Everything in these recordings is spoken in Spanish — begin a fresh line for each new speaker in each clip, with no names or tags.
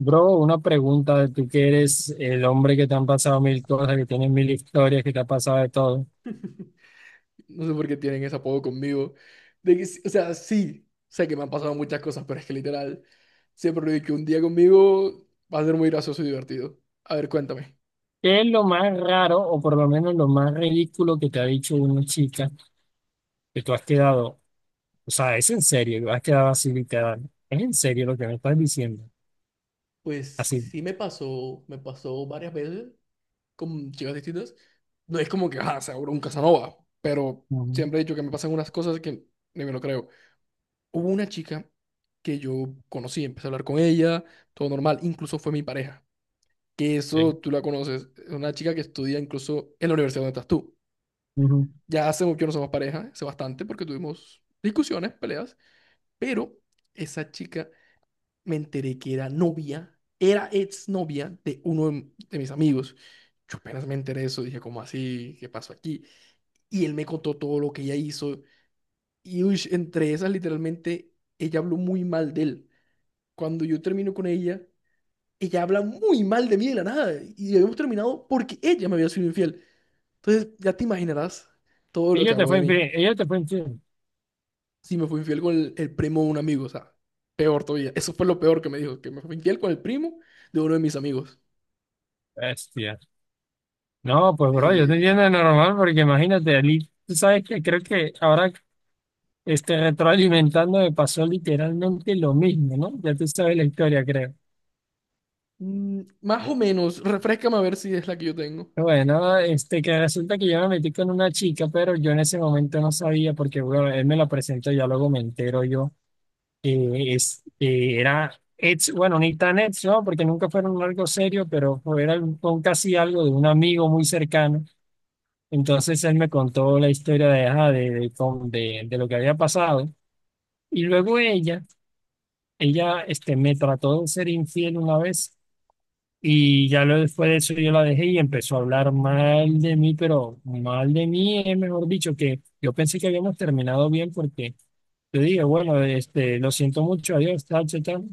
Bro, una pregunta de tú que eres el hombre que te han pasado mil cosas, que tienes mil historias, que te ha pasado de todo.
No sé por qué tienen ese apodo conmigo. De que, sí, sé que me han pasado muchas cosas, pero es que literal, siempre lo digo que un día conmigo va a ser muy gracioso y divertido. A ver, cuéntame.
¿Qué es lo más raro o por lo menos lo más ridículo que te ha dicho una chica que tú has quedado? O sea, es en serio, has quedado así literal. Es en serio lo que me estás diciendo.
Pues
Así.
sí me pasó varias veces con chicas distintas. No es como que, ah, seguro un Casanova, pero
Ujú,
siempre he dicho que me pasan unas cosas que ni me lo creo. Hubo una chica que yo conocí, empecé a hablar con ella, todo normal, incluso fue mi pareja. Que eso
sí,
tú la conoces, es una chica que estudia incluso en la universidad donde estás tú.
ujú.
Ya hace mucho que no somos pareja, hace bastante, porque tuvimos discusiones, peleas, pero esa chica me enteré que era novia, era exnovia de mis amigos. Yo apenas me enteré de eso, dije, ¿cómo así? ¿Qué pasó aquí? Y él me contó todo lo que ella hizo. Y uy, entre esas, literalmente, ella habló muy mal de él. Cuando yo termino con ella, ella habla muy mal de mí de la nada. Y habíamos terminado porque ella me había sido infiel. Entonces, ya te imaginarás todo lo que
Ella te
habló
fue
de mí.
infiel, ella te fue infiel.
Si me fui infiel con el primo de un amigo, o sea, peor todavía. Eso fue lo peor que me dijo, que me fui infiel con el primo de uno de mis amigos.
Bestia. No, pues bro, yo te
Eh,
entiendo normal porque imagínate, Ali, tú sabes que creo que ahora retroalimentando me pasó literalmente lo mismo, ¿no? Ya tú sabes la historia, creo.
Más o menos, refréscame a ver si es la que yo tengo.
Bueno, que resulta que yo me metí con una chica, pero yo en ese momento no sabía porque, bueno, él me la presentó y ya luego me entero yo. Era ex, bueno, ni tan ex, ¿no? Porque nunca fueron algo serio, pero era un casi algo de un amigo muy cercano. Entonces él me contó la historia de, ajá, de, con- de lo que había pasado. Y luego ella, me trató de ser infiel una vez. Después de eso yo la dejé y empezó a hablar mal de mí, pero mal de mí es mejor dicho que yo pensé que habíamos terminado bien porque yo dije, bueno, lo siento mucho, adiós, tal, tal, tal.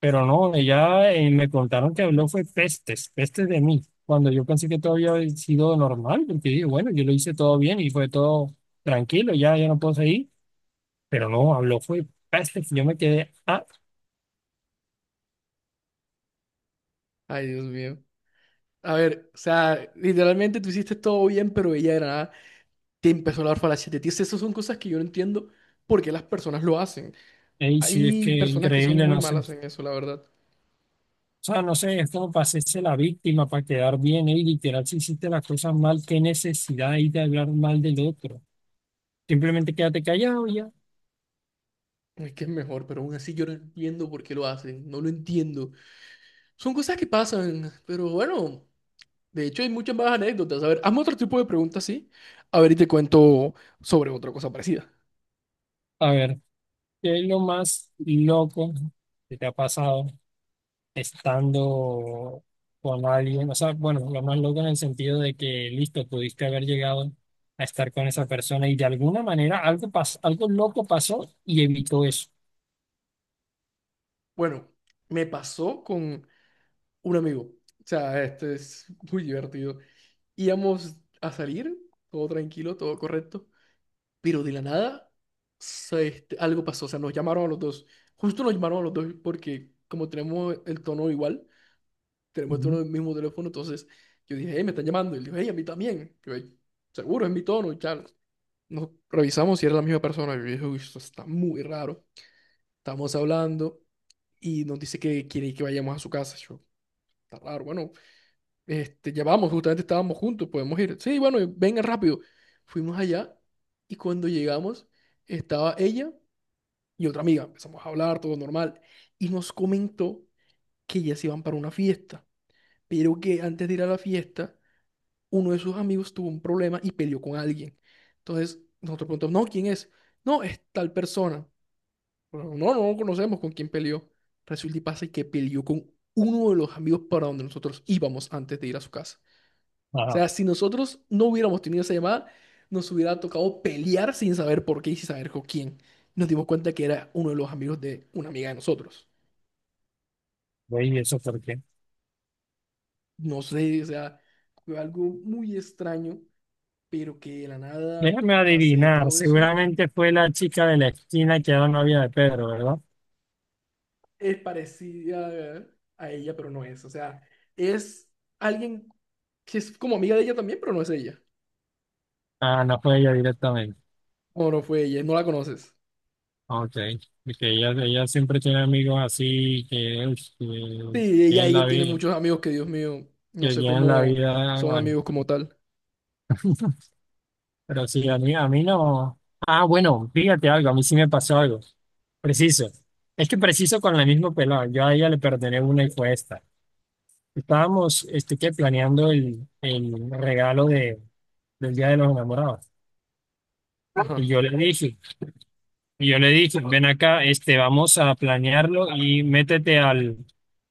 Pero no, ella me contaron que habló fue pestes, pestes de mí, cuando yo pensé que todo había sido normal, porque dije, bueno, yo lo hice todo bien y fue todo tranquilo, ya no puedo seguir. Pero no, habló fue pestes, yo me quedé,
Ay, Dios mío. A ver, o sea, literalmente tú hiciste todo bien, pero ella era nada. Te empezó a hablar falacias de ti. Esas son cosas que yo no entiendo por qué las personas lo hacen.
ey, sí, es que
Hay personas que son
increíble,
muy
no sé.
malas en eso, la verdad.
O sea, no sé, es como para hacerse la víctima, para quedar bien. ¿Eh? Y literal, si hiciste las cosas mal, qué necesidad hay de hablar mal del otro. Simplemente quédate callado y ya.
Es que es mejor, pero aún así yo no entiendo por qué lo hacen. No lo entiendo. Son cosas que pasan, pero bueno, de hecho hay muchas más anécdotas. A ver, hazme otro tipo de preguntas, sí. A ver, y te cuento sobre otra cosa parecida.
A ver, ¿qué es lo más loco que te ha pasado estando con alguien? O sea, bueno, lo más loco en el sentido de que, listo, pudiste haber llegado a estar con esa persona y de alguna manera algo loco pasó y evitó eso.
Bueno, me pasó con un amigo. O sea, esto es muy divertido. Íbamos a salir, todo tranquilo, todo correcto, pero de la nada algo pasó. O sea, nos llamaron a los dos. Justo nos llamaron a los dos porque como tenemos el tono igual, tenemos
Ujú.
el mismo teléfono, entonces yo dije, hey, me están llamando. Y él dijo, hey, a mí también. Yo, "Ey, seguro, es mi tono", y tal. Nos revisamos si era la misma persona. Y yo dije, uy, esto está muy raro. Estamos hablando y nos dice que quiere que vayamos a su casa. Yo, está raro, bueno, ya vamos, justamente estábamos juntos, podemos ir. Sí, bueno, vengan rápido. Fuimos allá y cuando llegamos estaba ella y otra amiga. Empezamos a hablar, todo normal. Y nos comentó que ellas iban para una fiesta, pero que antes de ir a la fiesta uno de sus amigos tuvo un problema y peleó con alguien. Entonces, nosotros preguntamos, no, ¿quién es? No, es tal persona. Bueno, no conocemos con quién peleó. Resulta y pasa que peleó con uno de los amigos para donde nosotros íbamos antes de ir a su casa. O
Ajá,
sea, si nosotros no hubiéramos tenido esa llamada, nos hubiera tocado pelear sin saber por qué y sin saber con quién. Nos dimos cuenta que era uno de los amigos de una amiga de nosotros.
voy, ¿y eso por qué?
No sé, o sea, fue algo muy extraño, pero que de la nada
Déjame
pase
adivinar,
todo eso.
seguramente fue la chica de la esquina que era novia de Pedro, ¿verdad?
Es parecida a ella, pero no es. O sea, es alguien que es como amiga de ella también, pero no es ella.
Ah, no fue ella directamente.
O no fue ella, no la conoces.
Ok, porque ella siempre tiene amigos así que, uy, que
Sí, ella,
tienen la
ella tiene
vida,
muchos amigos que, Dios mío, no
que
sé
tienen la
cómo
vida,
son
bueno,
amigos como tal.
pero sí, a mí no. Ah, bueno, fíjate algo, a mí sí me pasó algo, preciso. Es que preciso con la misma pelada, yo a ella le perdoné una y fue esta. Estábamos, este, que planeando el regalo del Día de los Enamorados. Y
Ajá.
yo le dije, Y yo le dije, ven acá, vamos a planearlo y métete al,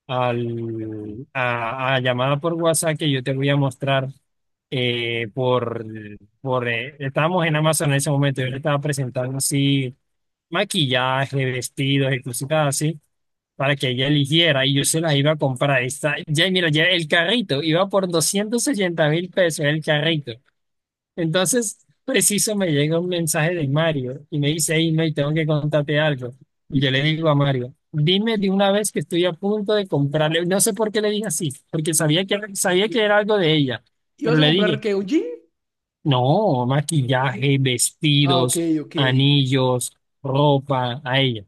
al, a, a llamada por WhatsApp que yo te voy a mostrar eh, por, por estábamos en Amazon en ese momento, yo le estaba presentando así maquillaje, vestidos y cositas así, para que ella eligiera y yo se las iba a comprar. Está, ya, mira, ya el carrito iba por 280 mil pesos el carrito. Entonces, preciso me llega un mensaje de Mario y me dice, hey, May, tengo que contarte algo. Y yo le digo a Mario, dime de una vez que estoy a punto de comprarle. No sé por qué le dije así, porque sabía que era algo de ella.
¿Y vas
Pero
a
le
comprar
dije,
qué? ¿Un jean?
no, maquillaje,
Ah, ok,
vestidos,
ok.
anillos, ropa, a ella.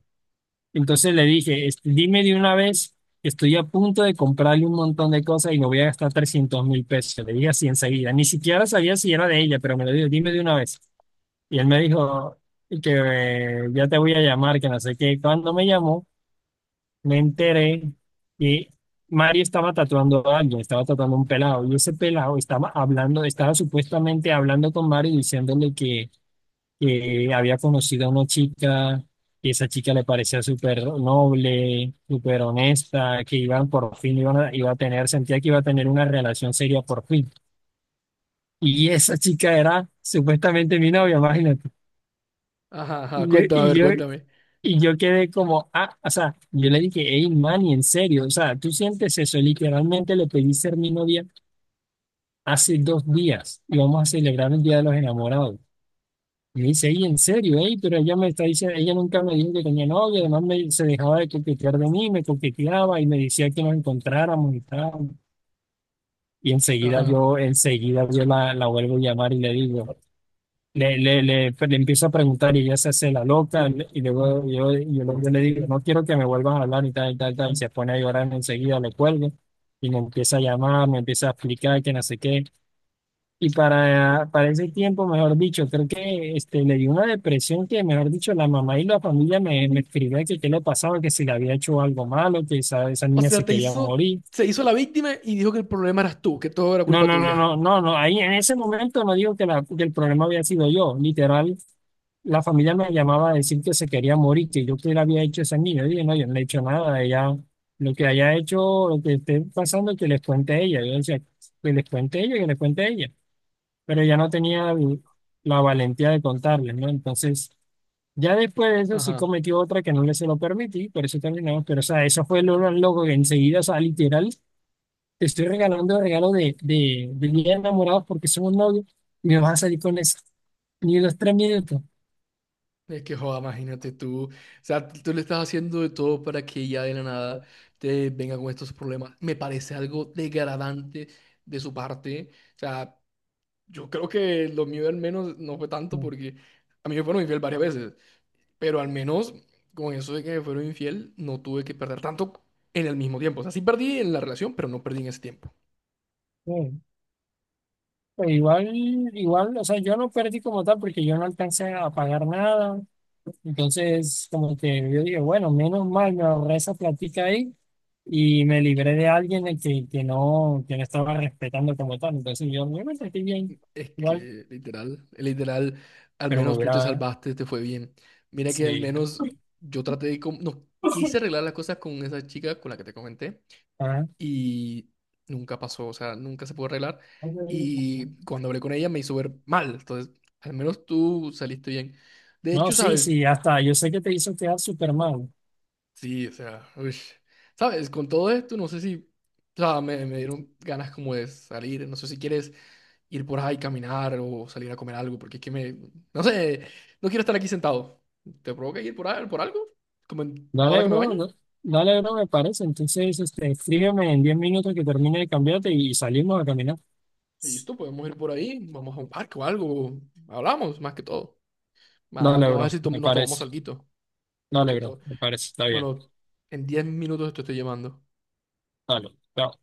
Entonces le dije, dime de una vez que estoy a punto de comprarle un montón de cosas y me voy a gastar 300.000 pesos. Le dije así enseguida. Ni siquiera sabía si era de ella, pero me lo dijo, dime de una vez. Y él me dijo y que ya te voy a llamar, que no sé qué. Cuando me llamó, me enteré que Mario estaba tatuando a alguien, estaba tatuando a un pelado. Y ese pelado estaba hablando, estaba supuestamente hablando con Mario y diciéndole que había conocido a una chica, que esa chica le parecía súper noble, súper honesta, que iban por fin, iba a tener, sentía que iba a tener una relación seria por fin. Y esa chica era supuestamente mi novia, imagínate.
Ajá, ajá.
Y yo,
Cuéntame, a
y
ver,
yo,
cuéntame.
Y yo quedé como, ah, o sea, yo le dije, hey, Manny, en serio, o sea, tú sientes eso, literalmente le pedí ser mi novia hace 2 días y vamos a celebrar el Día de los Enamorados. Y me dice, hey, en serio, hey, pero ella me está diciendo, ella nunca me dijo que tenía novia, además se dejaba de coquetear de mí, me coqueteaba y me decía que nos encontráramos y tal.
Ajá.
Enseguida yo la vuelvo a llamar y le digo, pues, le empiezo a preguntar y ella se hace la loca y luego yo le digo, no quiero que me vuelvan a hablar y tal y tal, y se pone a llorar enseguida, le cuelgo y me empieza a llamar, me empieza a explicar que no sé qué. Y para ese tiempo, mejor dicho, creo que le dio una depresión que, mejor dicho, la mamá y la familia me escribían que qué le pasaba, que si le había hecho algo malo, que esa
O
niña se
sea, te
quería
hizo,
morir.
se hizo la víctima y dijo que el problema eras tú, que todo era
No,
culpa
no, no,
tuya.
no, no, no, ahí en ese momento no digo que el problema había sido yo, literal. La familia me llamaba a decir que se quería morir, que yo qué le había hecho a esa niña. Yo dije, no, yo no le he hecho nada. Ella, lo que haya hecho, lo que esté pasando, que les cuente a ella. Yo decía, que les cuente a ella, que les cuente a ella. Pero ella no tenía la valentía de contarles, ¿no? Entonces, ya después de eso sí
Ajá.
cometió otra que no le se lo permití, por eso terminamos. Pero, o sea, eso fue lo más loco que enseguida, o sea, literal, te estoy regalando regalo de día de enamorados porque somos novios y me vas a salir con eso. Ni los 3 minutos.
Es que, joda, imagínate tú, o sea, tú le estás haciendo de todo para que ya de la nada te venga con estos problemas. Me parece algo degradante de su parte. O sea, yo creo que lo mío al menos no fue tanto
No,
porque a mí me fueron infiel varias veces, pero al menos con eso de que me fueron infiel no tuve que perder tanto en el mismo tiempo. O sea, sí perdí en la relación, pero no perdí en ese tiempo.
no. Pues igual, o sea, yo no perdí como tal porque yo no alcancé a pagar nada. Entonces, como que yo dije, bueno, menos mal me ahorré esa plática ahí y me libré de alguien de que, que no estaba respetando como tal. Entonces yo me sentí bien,
Es
igual,
que literal, literal, al
pero me
menos tú te
hubiera,
salvaste, te fue bien. Mira que al
sí.
menos yo traté de... No, quise arreglar las cosas con esa chica con la que te comenté
Ajá.
y nunca pasó, o sea, nunca se pudo arreglar. Y cuando hablé con ella me hizo ver mal, entonces al menos tú saliste bien. De
No,
hecho,
sí,
¿sabes?
sí, hasta yo sé que te hizo quedar súper mal.
Sí, o sea, uy. ¿Sabes? Con todo esto, no sé si, o sea, me dieron ganas como de salir, no sé si quieres ir por ahí, caminar o salir a comer algo, porque es que me, no sé, no quiero estar aquí sentado. ¿Te provoca ir por ahí, por algo? Como ahora
Dale,
que me
bro,
baño,
no- Dale, bro, me parece. Entonces, escríbeme en 10 minutos que termine de cambiarte y salimos a caminar.
listo, podemos ir por ahí, vamos a un parque o algo, hablamos más que todo.
Dale,
Vamos a ver
bro,
si
me
nos
parece.
tomamos alguito, más
Dale,
que
bro,
todo.
me parece. Está bien.
Bueno, en 10 minutos te estoy llamando.
Dale. Chao.